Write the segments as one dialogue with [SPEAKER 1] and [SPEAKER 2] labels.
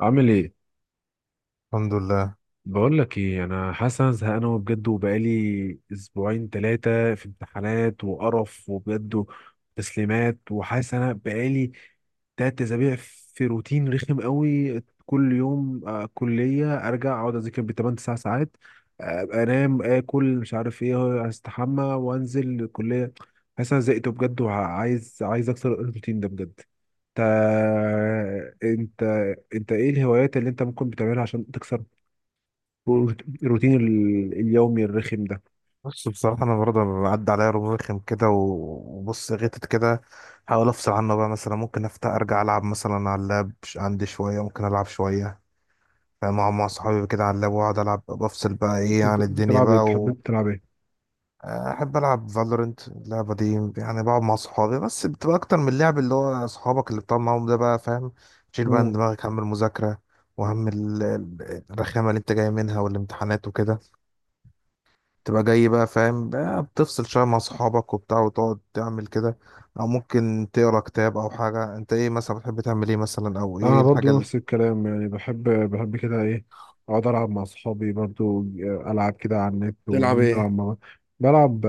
[SPEAKER 1] عامل ايه؟
[SPEAKER 2] الحمد لله.
[SPEAKER 1] بقول لك ايه، انا حاسس انا زهقان أوي بجد، وبقالي اسبوعين ثلاثه في امتحانات وقرف وبجد تسليمات، وحاسس انا بقالي تلات اسابيع في روتين رخم قوي. كل يوم كليه، ارجع اقعد اذاكر بتمن تسع ساعات، أبقى انام اكل مش عارف ايه، استحمى وانزل الكليه. حاسس انا زهقت بجد، وعايز اكسر الروتين ده بجد. انت، انت ايه الهوايات اللي انت ممكن بتعملها عشان تكسر الروتين اليومي الرخم ده؟
[SPEAKER 2] بص، بصراحة أنا برضه عدى عليا رمضان رخم كده وبص غتت كده. حاول أفصل عنه بقى، مثلا ممكن أفتح أرجع ألعب مثلا على اللاب. عندي شوية ممكن ألعب شوية مع صحابي كده على اللاب، وأقعد ألعب بفصل بقى إيه
[SPEAKER 1] انت
[SPEAKER 2] عن الدنيا
[SPEAKER 1] بتلعب ايه؟
[SPEAKER 2] بقى و...
[SPEAKER 1] بتحب تلعب ايه؟
[SPEAKER 2] أحب ألعب فالورنت، اللعبة دي يعني بقعد مع صحابي، بس بتبقى أكتر من اللعب، اللي هو صحابك اللي بتقعد معاهم ده بقى، فاهم؟ شيل بقى من
[SPEAKER 1] مم.
[SPEAKER 2] دماغك هم المذاكرة وهم الرخامة اللي أنت جاي منها والامتحانات وكده. تبقى جاي بقى، فاهم بقى؟ بتفصل شوية مع صحابك وبتاع وتقعد تعمل كده. أو ممكن تقرا كتاب أو حاجة. أنت إيه مثلا بتحب تعمل إيه مثلا، أو إيه
[SPEAKER 1] انا
[SPEAKER 2] الحاجة
[SPEAKER 1] برضو
[SPEAKER 2] اللي...
[SPEAKER 1] نفس الكلام، يعني بحب، بحب كده ايه، اقعد العب مع اصحابي برضو، العب كده على النت
[SPEAKER 2] تلعب ايه؟
[SPEAKER 1] ونلعب مع بعض. بلعب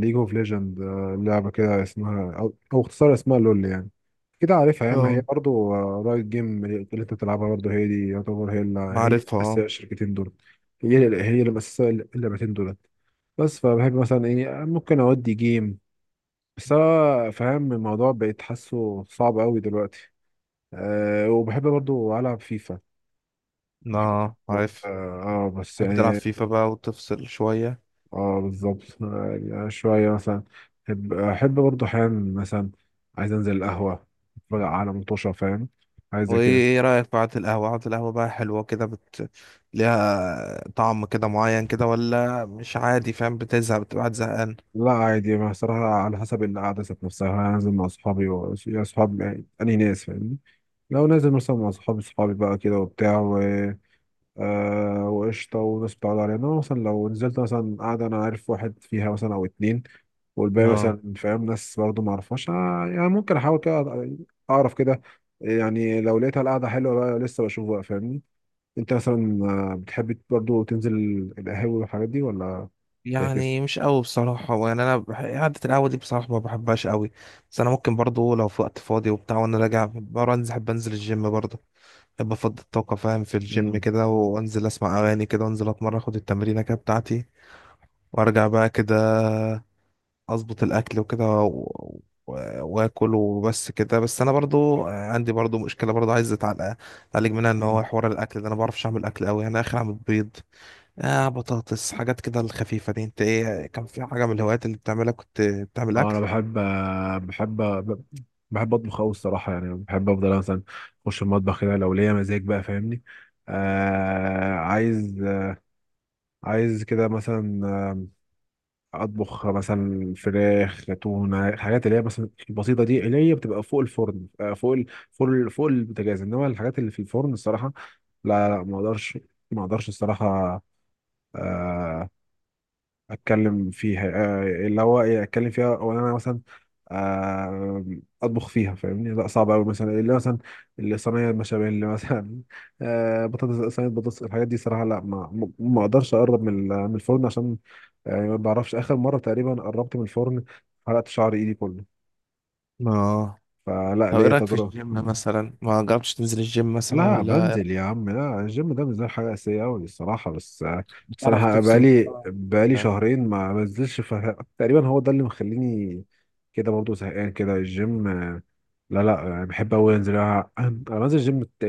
[SPEAKER 1] ليج اوف ليجند، لعبة كده اسمها او, أو اختصار اسمها لول يعني، كده عارفها يعني، ما هي
[SPEAKER 2] اه.
[SPEAKER 1] برضو رايت جيم اللي انت بتلعبها برضو، هي دي. يعتبر هي اللي هي اللي
[SPEAKER 2] معرفها.
[SPEAKER 1] مأسسة الشركتين دول، هي اللي هي اللي مأسسة اللعبتين دول. بس فبحب مثلا ايه، ممكن اودي جيم، بس انا فاهم الموضوع بقيت حاسه صعب قوي دلوقتي. أه، وبحب برضو العب فيفا.
[SPEAKER 2] اه.
[SPEAKER 1] بحب،
[SPEAKER 2] آه، عارف.
[SPEAKER 1] اه، بس
[SPEAKER 2] بتحب تلعب
[SPEAKER 1] يعني،
[SPEAKER 2] فيفا بقى وتفصل شوية.
[SPEAKER 1] اه بالظبط، يعني شويه مثلا، احب برضو احيانا مثلا، عايز انزل القهوه، اتفرج على مطوشه، فاهم؟ عايز زي
[SPEAKER 2] وإيه،
[SPEAKER 1] كده.
[SPEAKER 2] إيه رأيك بعد القهوة، قعدة القهوة بقى حلوة كده، بت... ليها طعم كده معين كده، ولا مش عادي؟ فاهم؟ بتزهق؟ بتبقى قاعد زهقان؟
[SPEAKER 1] لا عادي، ما صراحه على حسب القعده ذات نفسها. هنزل مع اصحابي و... يا اصحابي يعني، انهي ناس، فاهمني؟ لو نازل مثلا مع اصحابي، اصحابي بقى كده وبتاع، آه وقشطة، وناس بتعرض علينا مثلا. لو نزلت مثلا قاعدة، أنا عارف واحد فيها مثلا أو اتنين، والباقي
[SPEAKER 2] اه.
[SPEAKER 1] مثلا، فاهم، ناس برضه معرفهاش، آه، يعني ممكن أحاول كده أعرف كده. يعني لو لقيتها القعدة حلوة بقى لسه بشوف بقى، فاهمني؟ أنت مثلا، بتحب برضه تنزل القهاوي والحاجات دي ولا؟ فاكس؟
[SPEAKER 2] يعني مش قوي بصراحة، يعني أنا بح... قعدة القهوة دي بصراحة ما بحبهاش قوي. بس أنا ممكن برضو لو في وقت فاضي وبتاع وأنا راجع برا أنزل، أحب أنزل الجيم برضو. أحب أفضي الطاقة فاهم، في الجيم
[SPEAKER 1] مم.
[SPEAKER 2] كده، وأنزل أسمع أغاني كده وأنزل أتمرن، أخد التمرينة كده بتاعتي وأرجع بقى كده. أظبط الأكل وكده و... و... وآكل وبس كده. بس أنا برضو عندي برضو مشكلة برضو عايز أتعالج، أتعالج منها، إن هو
[SPEAKER 1] مم.
[SPEAKER 2] حوار الأكل ده أنا ما بعرفش أعمل أكل قوي. أنا آخر أعمل بيض، آه بطاطس، حاجات كده الخفيفة دي. انت ايه، كان في حاجة من الهوايات اللي بتعملها كنت بتعمل
[SPEAKER 1] اه انا
[SPEAKER 2] أكل؟
[SPEAKER 1] بحب، بحب بحب اطبخ قوي الصراحه، يعني بحب افضل مثلا اخش المطبخ كده لو ليا مزاج بقى، فاهمني؟ عايز، عايز كده مثلا اطبخ مثلا فراخ، تونه، الحاجات اللي هي مثلا البسيطه دي، اللي هي بتبقى فوق الفرن. فوق فوق البوتاجاز، انما الحاجات اللي في الفرن الصراحه لا، لا، ما اقدرش، ما اقدرش الصراحه. آه، اتكلم فيها، اللي هو ايه، اتكلم فيها او إن انا مثلا آه، اطبخ فيها، فاهمني؟ لا صعب قوي. مثلا اللي مثلا اللي صينيه المشابيل مثلا بطاطس، صينيه بطاطس، الحاجات دي صراحه لا، ما اقدرش اقرب من من الفرن، عشان يعني ما بعرفش، اخر مره تقريبا قربت من الفرن حرقت شعر ايدي كله،
[SPEAKER 2] اه.
[SPEAKER 1] فلا
[SPEAKER 2] طب ايه
[SPEAKER 1] ليا
[SPEAKER 2] رأيك في
[SPEAKER 1] تجربه.
[SPEAKER 2] الجيم مثلا؟ ما جربتش تنزل الجيم مثلا
[SPEAKER 1] لا
[SPEAKER 2] ولا؟
[SPEAKER 1] بنزل يا عم، لا الجيم ده بالنسبه لي حاجه اساسيه قوي الصراحه، بس، بس
[SPEAKER 2] بتعرف
[SPEAKER 1] انا
[SPEAKER 2] تفصل؟
[SPEAKER 1] بقالي
[SPEAKER 2] آه.
[SPEAKER 1] شهرين ما بنزلش ف... تقريبا هو ده اللي مخليني كده برضه زهقان كده الجيم. لا لا، يعني بحب قوي انزل انا. أنا بنزل الجيم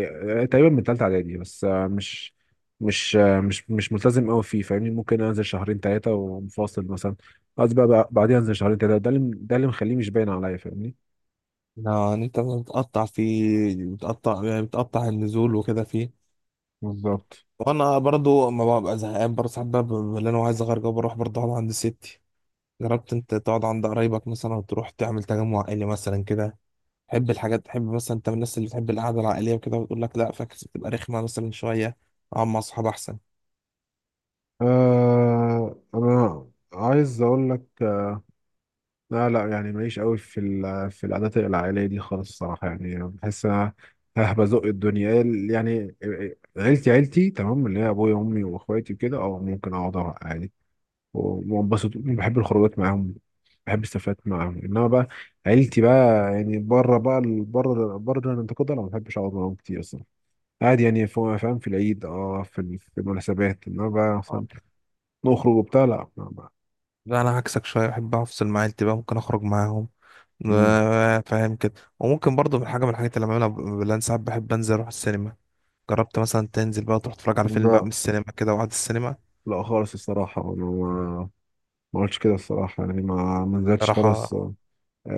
[SPEAKER 1] تقريبا من تالتة اعدادي، بس مش، مش مش ملتزم قوي فيه، فاهمني؟ ممكن انزل شهرين ثلاثه ومفاصل مثلا، قصدي بقى بعدين انزل شهرين ثلاثه، ده اللي ده اللي مخليه مش باين عليا، فاهمني؟
[SPEAKER 2] لا يعني انت بتقطع فيه، بتقطع يعني بتقطع النزول وكده فيه.
[SPEAKER 1] بالظبط.
[SPEAKER 2] وانا برضو ما ببقى زهقان برضه ساعات بقى، ببقى اللي انا عايز اغير جو، بروح برضه اقعد عند ستي. جربت انت تقعد عند قرايبك مثلا وتروح تعمل تجمع عائلي مثلا كده؟ تحب الحاجات، تحب مثلا، انت من الناس اللي بتحب القعده العائليه وكده، وتقول لك لا فاكس، بتبقى رخمه مثلا شويه، اقعد مع اصحاب احسن؟
[SPEAKER 1] آه انا عايز اقول لك، لا لا، يعني ماليش قوي في في العادات العائليه دي خالص الصراحه. يعني بحس انا ها بزق الدنيا يعني. عيلتي، عيلتي تمام، اللي هي ابويا وامي واخواتي وكده، اه ممكن اقعد، أقعد عادي وانبسط، بحب الخروجات معاهم، بحب السفرات معاهم. انما بقى عيلتي بقى يعني بره بقى بره الانتقاد، انا ما بحبش اقعد معاهم كتير اصلا، عادي يعني، فاهم؟ في العيد، اه في في المناسبات، انما بقى
[SPEAKER 2] اه.
[SPEAKER 1] مثلا نخرج وبتاع لا.
[SPEAKER 2] لا انا عكسك شويه، بحب افصل مع عيلتي بقى، ممكن اخرج معاهم.
[SPEAKER 1] مم.
[SPEAKER 2] آه، فاهم كده. وممكن برضه من حاجه من الحاجات اللي بعملها بلان، ساعات بحب انزل اروح السينما. جربت مثلا تنزل بقى تروح تتفرج على فيلم بقى من
[SPEAKER 1] لا
[SPEAKER 2] السينما كده وقعد السينما
[SPEAKER 1] لا خالص الصراحة، أنا ما، ما قلتش كده الصراحة، يعني ما، ما نزلتش
[SPEAKER 2] راح؟
[SPEAKER 1] خالص.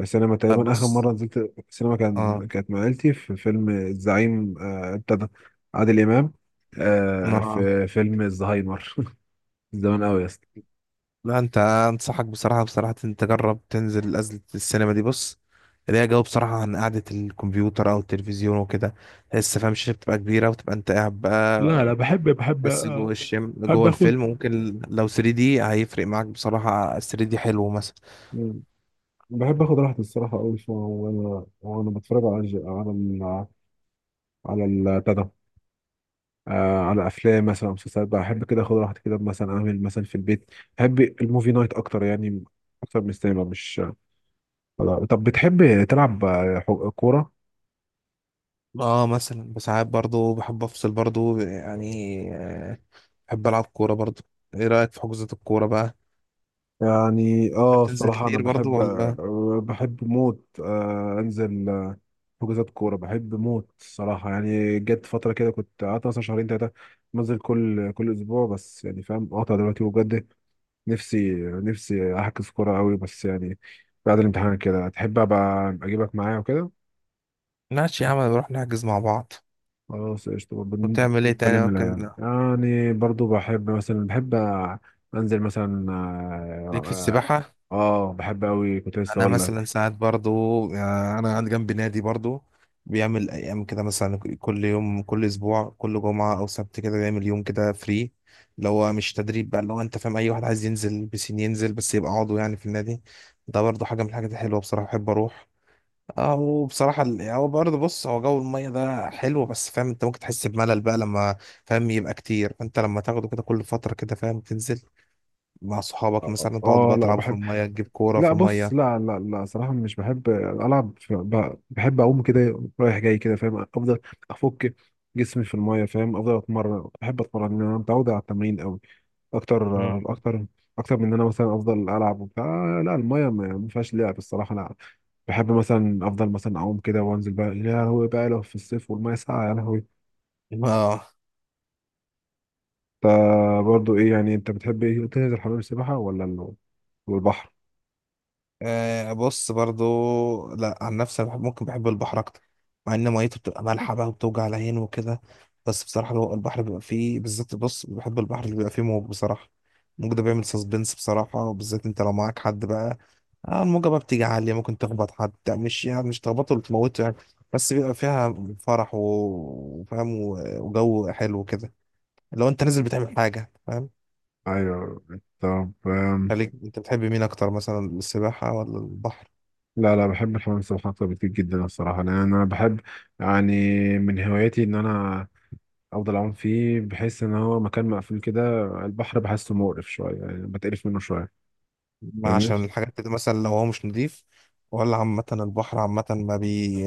[SPEAKER 1] سينما تقريبا، آخر
[SPEAKER 2] بص.
[SPEAKER 1] مرة نزلت سينما كان،
[SPEAKER 2] اه.
[SPEAKER 1] كانت مع عيلتي في فيلم الزعيم، بتاع ده، عادل إمام،
[SPEAKER 2] انا،
[SPEAKER 1] في فيلم الزهايمر زمان أوي يا اسطى.
[SPEAKER 2] لا انت انصحك بصراحة، بصراحة انت تجرب تنزل نزلة السينما دي. بص، اللي هي جو بصراحة عن قعدة الكمبيوتر او التلفزيون وكده. تحس فاهم، الشاشة بتبقى كبيرة وتبقى انت قاعد
[SPEAKER 1] لا لا
[SPEAKER 2] بقى،
[SPEAKER 1] بحب، بحب،
[SPEAKER 2] تحس جوه الشم
[SPEAKER 1] بحب
[SPEAKER 2] جوه الفيلم.
[SPEAKER 1] اخد.
[SPEAKER 2] ممكن لو 3D هيفرق معاك بصراحة. 3D حلو مثلا.
[SPEAKER 1] مم. بحب آخد راحتي الصراحة أوي، وأنا بتفرج على على على بتاع ده، على افلام مثلا أو مسلسلات بقى، احب كده اخد راحتي كده مثلا، اعمل مثلا في البيت. بحب الموفي نايت اكتر يعني، اكتر من السينما، مش آه. طب بتحب تلعب كوره؟
[SPEAKER 2] اه مثلا بساعات برضو بحب افصل برضو يعني. آه، بحب العب كورة برضو. ايه رأيك في حجوزات الكورة بقى؟
[SPEAKER 1] يعني اه
[SPEAKER 2] بتنزل
[SPEAKER 1] الصراحه انا
[SPEAKER 2] كتير برضو
[SPEAKER 1] بحب،
[SPEAKER 2] ولا؟
[SPEAKER 1] آه بحب موت، آه انزل، حجوزات كوره بحب موت الصراحه. يعني جت فتره كده كنت قعدت مثلا شهرين ثلاثه بنزل كل اسبوع، بس يعني فاهم قاطع دلوقتي، وبجد نفسي، نفسي احجز كوره قوي، بس يعني بعد الامتحان كده تحب ابقى اجيبك معايا وكده.
[SPEAKER 2] ماشي يا عم، نروح نحجز مع بعض.
[SPEAKER 1] خلاص قشطة برضه.
[SPEAKER 2] وتعمل ايه
[SPEAKER 1] نتكلم
[SPEAKER 2] تاني
[SPEAKER 1] منها
[SPEAKER 2] ممكن؟
[SPEAKER 1] يعني، يعني برضه بحب مثلا، بحب أنزل مثلا
[SPEAKER 2] ليك في
[SPEAKER 1] آه,
[SPEAKER 2] السباحة؟
[SPEAKER 1] آه, آه بحب أوي، كنت لسه
[SPEAKER 2] انا
[SPEAKER 1] أقول
[SPEAKER 2] مثلا
[SPEAKER 1] لك
[SPEAKER 2] ساعات برضو، يعني انا عندي جنبي نادي برضو، بيعمل ايام كده مثلا، كل يوم، كل اسبوع، كل جمعه او سبت كده بيعمل يوم كده فري، اللي هو مش تدريب بقى، اللي هو انت فاهم، اي واحد عايز ينزل بسين ينزل، بس يبقى عضو يعني في النادي. ده برضو حاجه من الحاجات الحلوه بصراحه، بحب اروح. اه، وبصراحه هو برضه، بص، هو جو الميه ده حلو، بس فاهم انت ممكن تحس بملل بقى لما فاهم يبقى كتير. فانت لما تاخده كده كل فتره كده، فاهم، تنزل مع صحابك
[SPEAKER 1] آه, آه.
[SPEAKER 2] مثلا، تقعدوا بقى
[SPEAKER 1] لا
[SPEAKER 2] تلعبوا في
[SPEAKER 1] بحب،
[SPEAKER 2] الميه، تجيب كوره في
[SPEAKER 1] لا بص
[SPEAKER 2] الميه.
[SPEAKER 1] لا، لا صراحة مش بحب ألعب بحب أقوم كده رايح جاي كده، فاهم؟ أفضل أفك جسمي في الماية، فاهم؟ أفضل أتمرن، بحب أتمرن، أنا متعود على التمرين أوي، اكتر، اكتر اكتر من ان انا مثلا افضل العب وبتاع، لا المايه ما فيهاش لعب الصراحه. انا بحب مثلا افضل مثلا اعوم كده وانزل بقى، يا لهوي بقى لو في الصيف والمايه ساقعه يا لهوي.
[SPEAKER 2] اه.
[SPEAKER 1] انت برضه ايه يعني، انت بتحب ايه، تنزل حمام السباحه ولا والبحر؟
[SPEAKER 2] آه، بص برضو، لا عن نفسي أنا بحب، ممكن بحب البحر اكتر، مع ان ميته بتبقى مالحه بقى وبتوجع العين وكده. بس بصراحه لو البحر بيبقى فيه بالذات، بص، بحب البحر اللي بيبقى فيه موج بصراحه. الموج ده بيعمل سسبنس بصراحه، وبالذات انت لو معاك حد بقى، آه الموجه بقى بتيجي عاليه، ممكن تخبط حد، يعني مش يعني مش تخبطه ولا تموته يعني. بس بيبقى فيها فرح وفاهم و... وجو حلو كده، لو انت نازل بتعمل حاجه، فاهم؟
[SPEAKER 1] ايوه، طب
[SPEAKER 2] خليك انت، بتحب مين اكتر مثلا، السباحه ولا البحر؟
[SPEAKER 1] لا لا، بحب الحمام السباحه اكتر بكتير جدا الصراحه، لان انا بحب يعني من هواياتي ان انا افضل اعوم فيه. بحس ان هو مكان مقفول كده. البحر بحسه مقرف شويه، يعني بتقرف منه شويه،
[SPEAKER 2] ما
[SPEAKER 1] فاهمني؟
[SPEAKER 2] عشان الحاجات دي مثلا لو هو مش نضيف؟ ولا عامة البحر عامة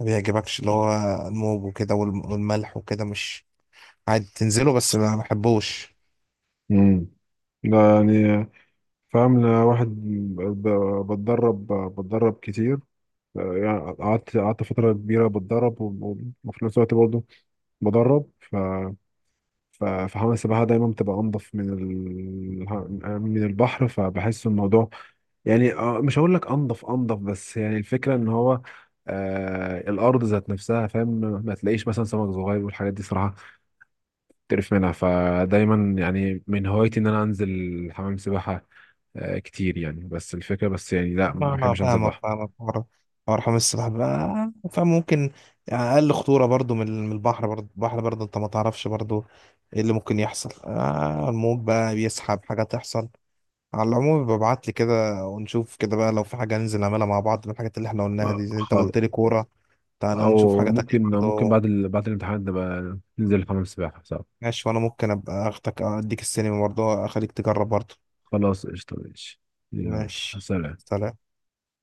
[SPEAKER 2] ما بيعجبكش، اللي هو الموج وكده والملح وكده، مش عادي تنزله بس ما بحبوش؟
[SPEAKER 1] امم لا يعني، فاهم أنا واحد بتدرب، بتدرب كتير، يعني قعدت، قعدت فترة كبيرة بتدرب، وفي نفس الوقت برضه بدرب، فحمام السباحة دايما بتبقى أنضف من من البحر، فبحس الموضوع يعني مش هقول لك أنضف أنضف، بس يعني الفكرة إن هو آه الأرض ذات نفسها، فاهم؟ ما تلاقيش مثلا سمك صغير والحاجات دي صراحة تعرف منها، فدايما يعني من هوايتي ان انا انزل حمام سباحة كتير يعني. بس الفكرة بس يعني لا،
[SPEAKER 2] ما
[SPEAKER 1] ما
[SPEAKER 2] انا
[SPEAKER 1] بحبش انزل
[SPEAKER 2] فاهمك،
[SPEAKER 1] بحر.
[SPEAKER 2] حوار، حوار حمام السباحة بقى، فاهم، ممكن اقل خطورة برضو من البحر. برضو البحر برضو انت ما تعرفش برضو ايه اللي ممكن يحصل، آه الموج بقى بيسحب، حاجة تحصل. على العموم ببعت لي كده ونشوف كده بقى، لو في حاجة ننزل نعملها مع بعض من الحاجات اللي احنا قلناها دي، زي انت ما
[SPEAKER 1] خالص.
[SPEAKER 2] قلت لي كورة، تعالى نشوف
[SPEAKER 1] او
[SPEAKER 2] حاجة تانية
[SPEAKER 1] ممكن، ممكن
[SPEAKER 2] برضه.
[SPEAKER 1] بعد بعد الامتحان نبقى ننزل حمام سباحة، صح؟
[SPEAKER 2] ماشي، وأنا ممكن أبقى أخدك أديك السينما برضه أخليك تجرب برضه.
[SPEAKER 1] خلاص قشطة، ماشي، يلا،
[SPEAKER 2] ماشي.
[SPEAKER 1] سلام.
[SPEAKER 2] سلام.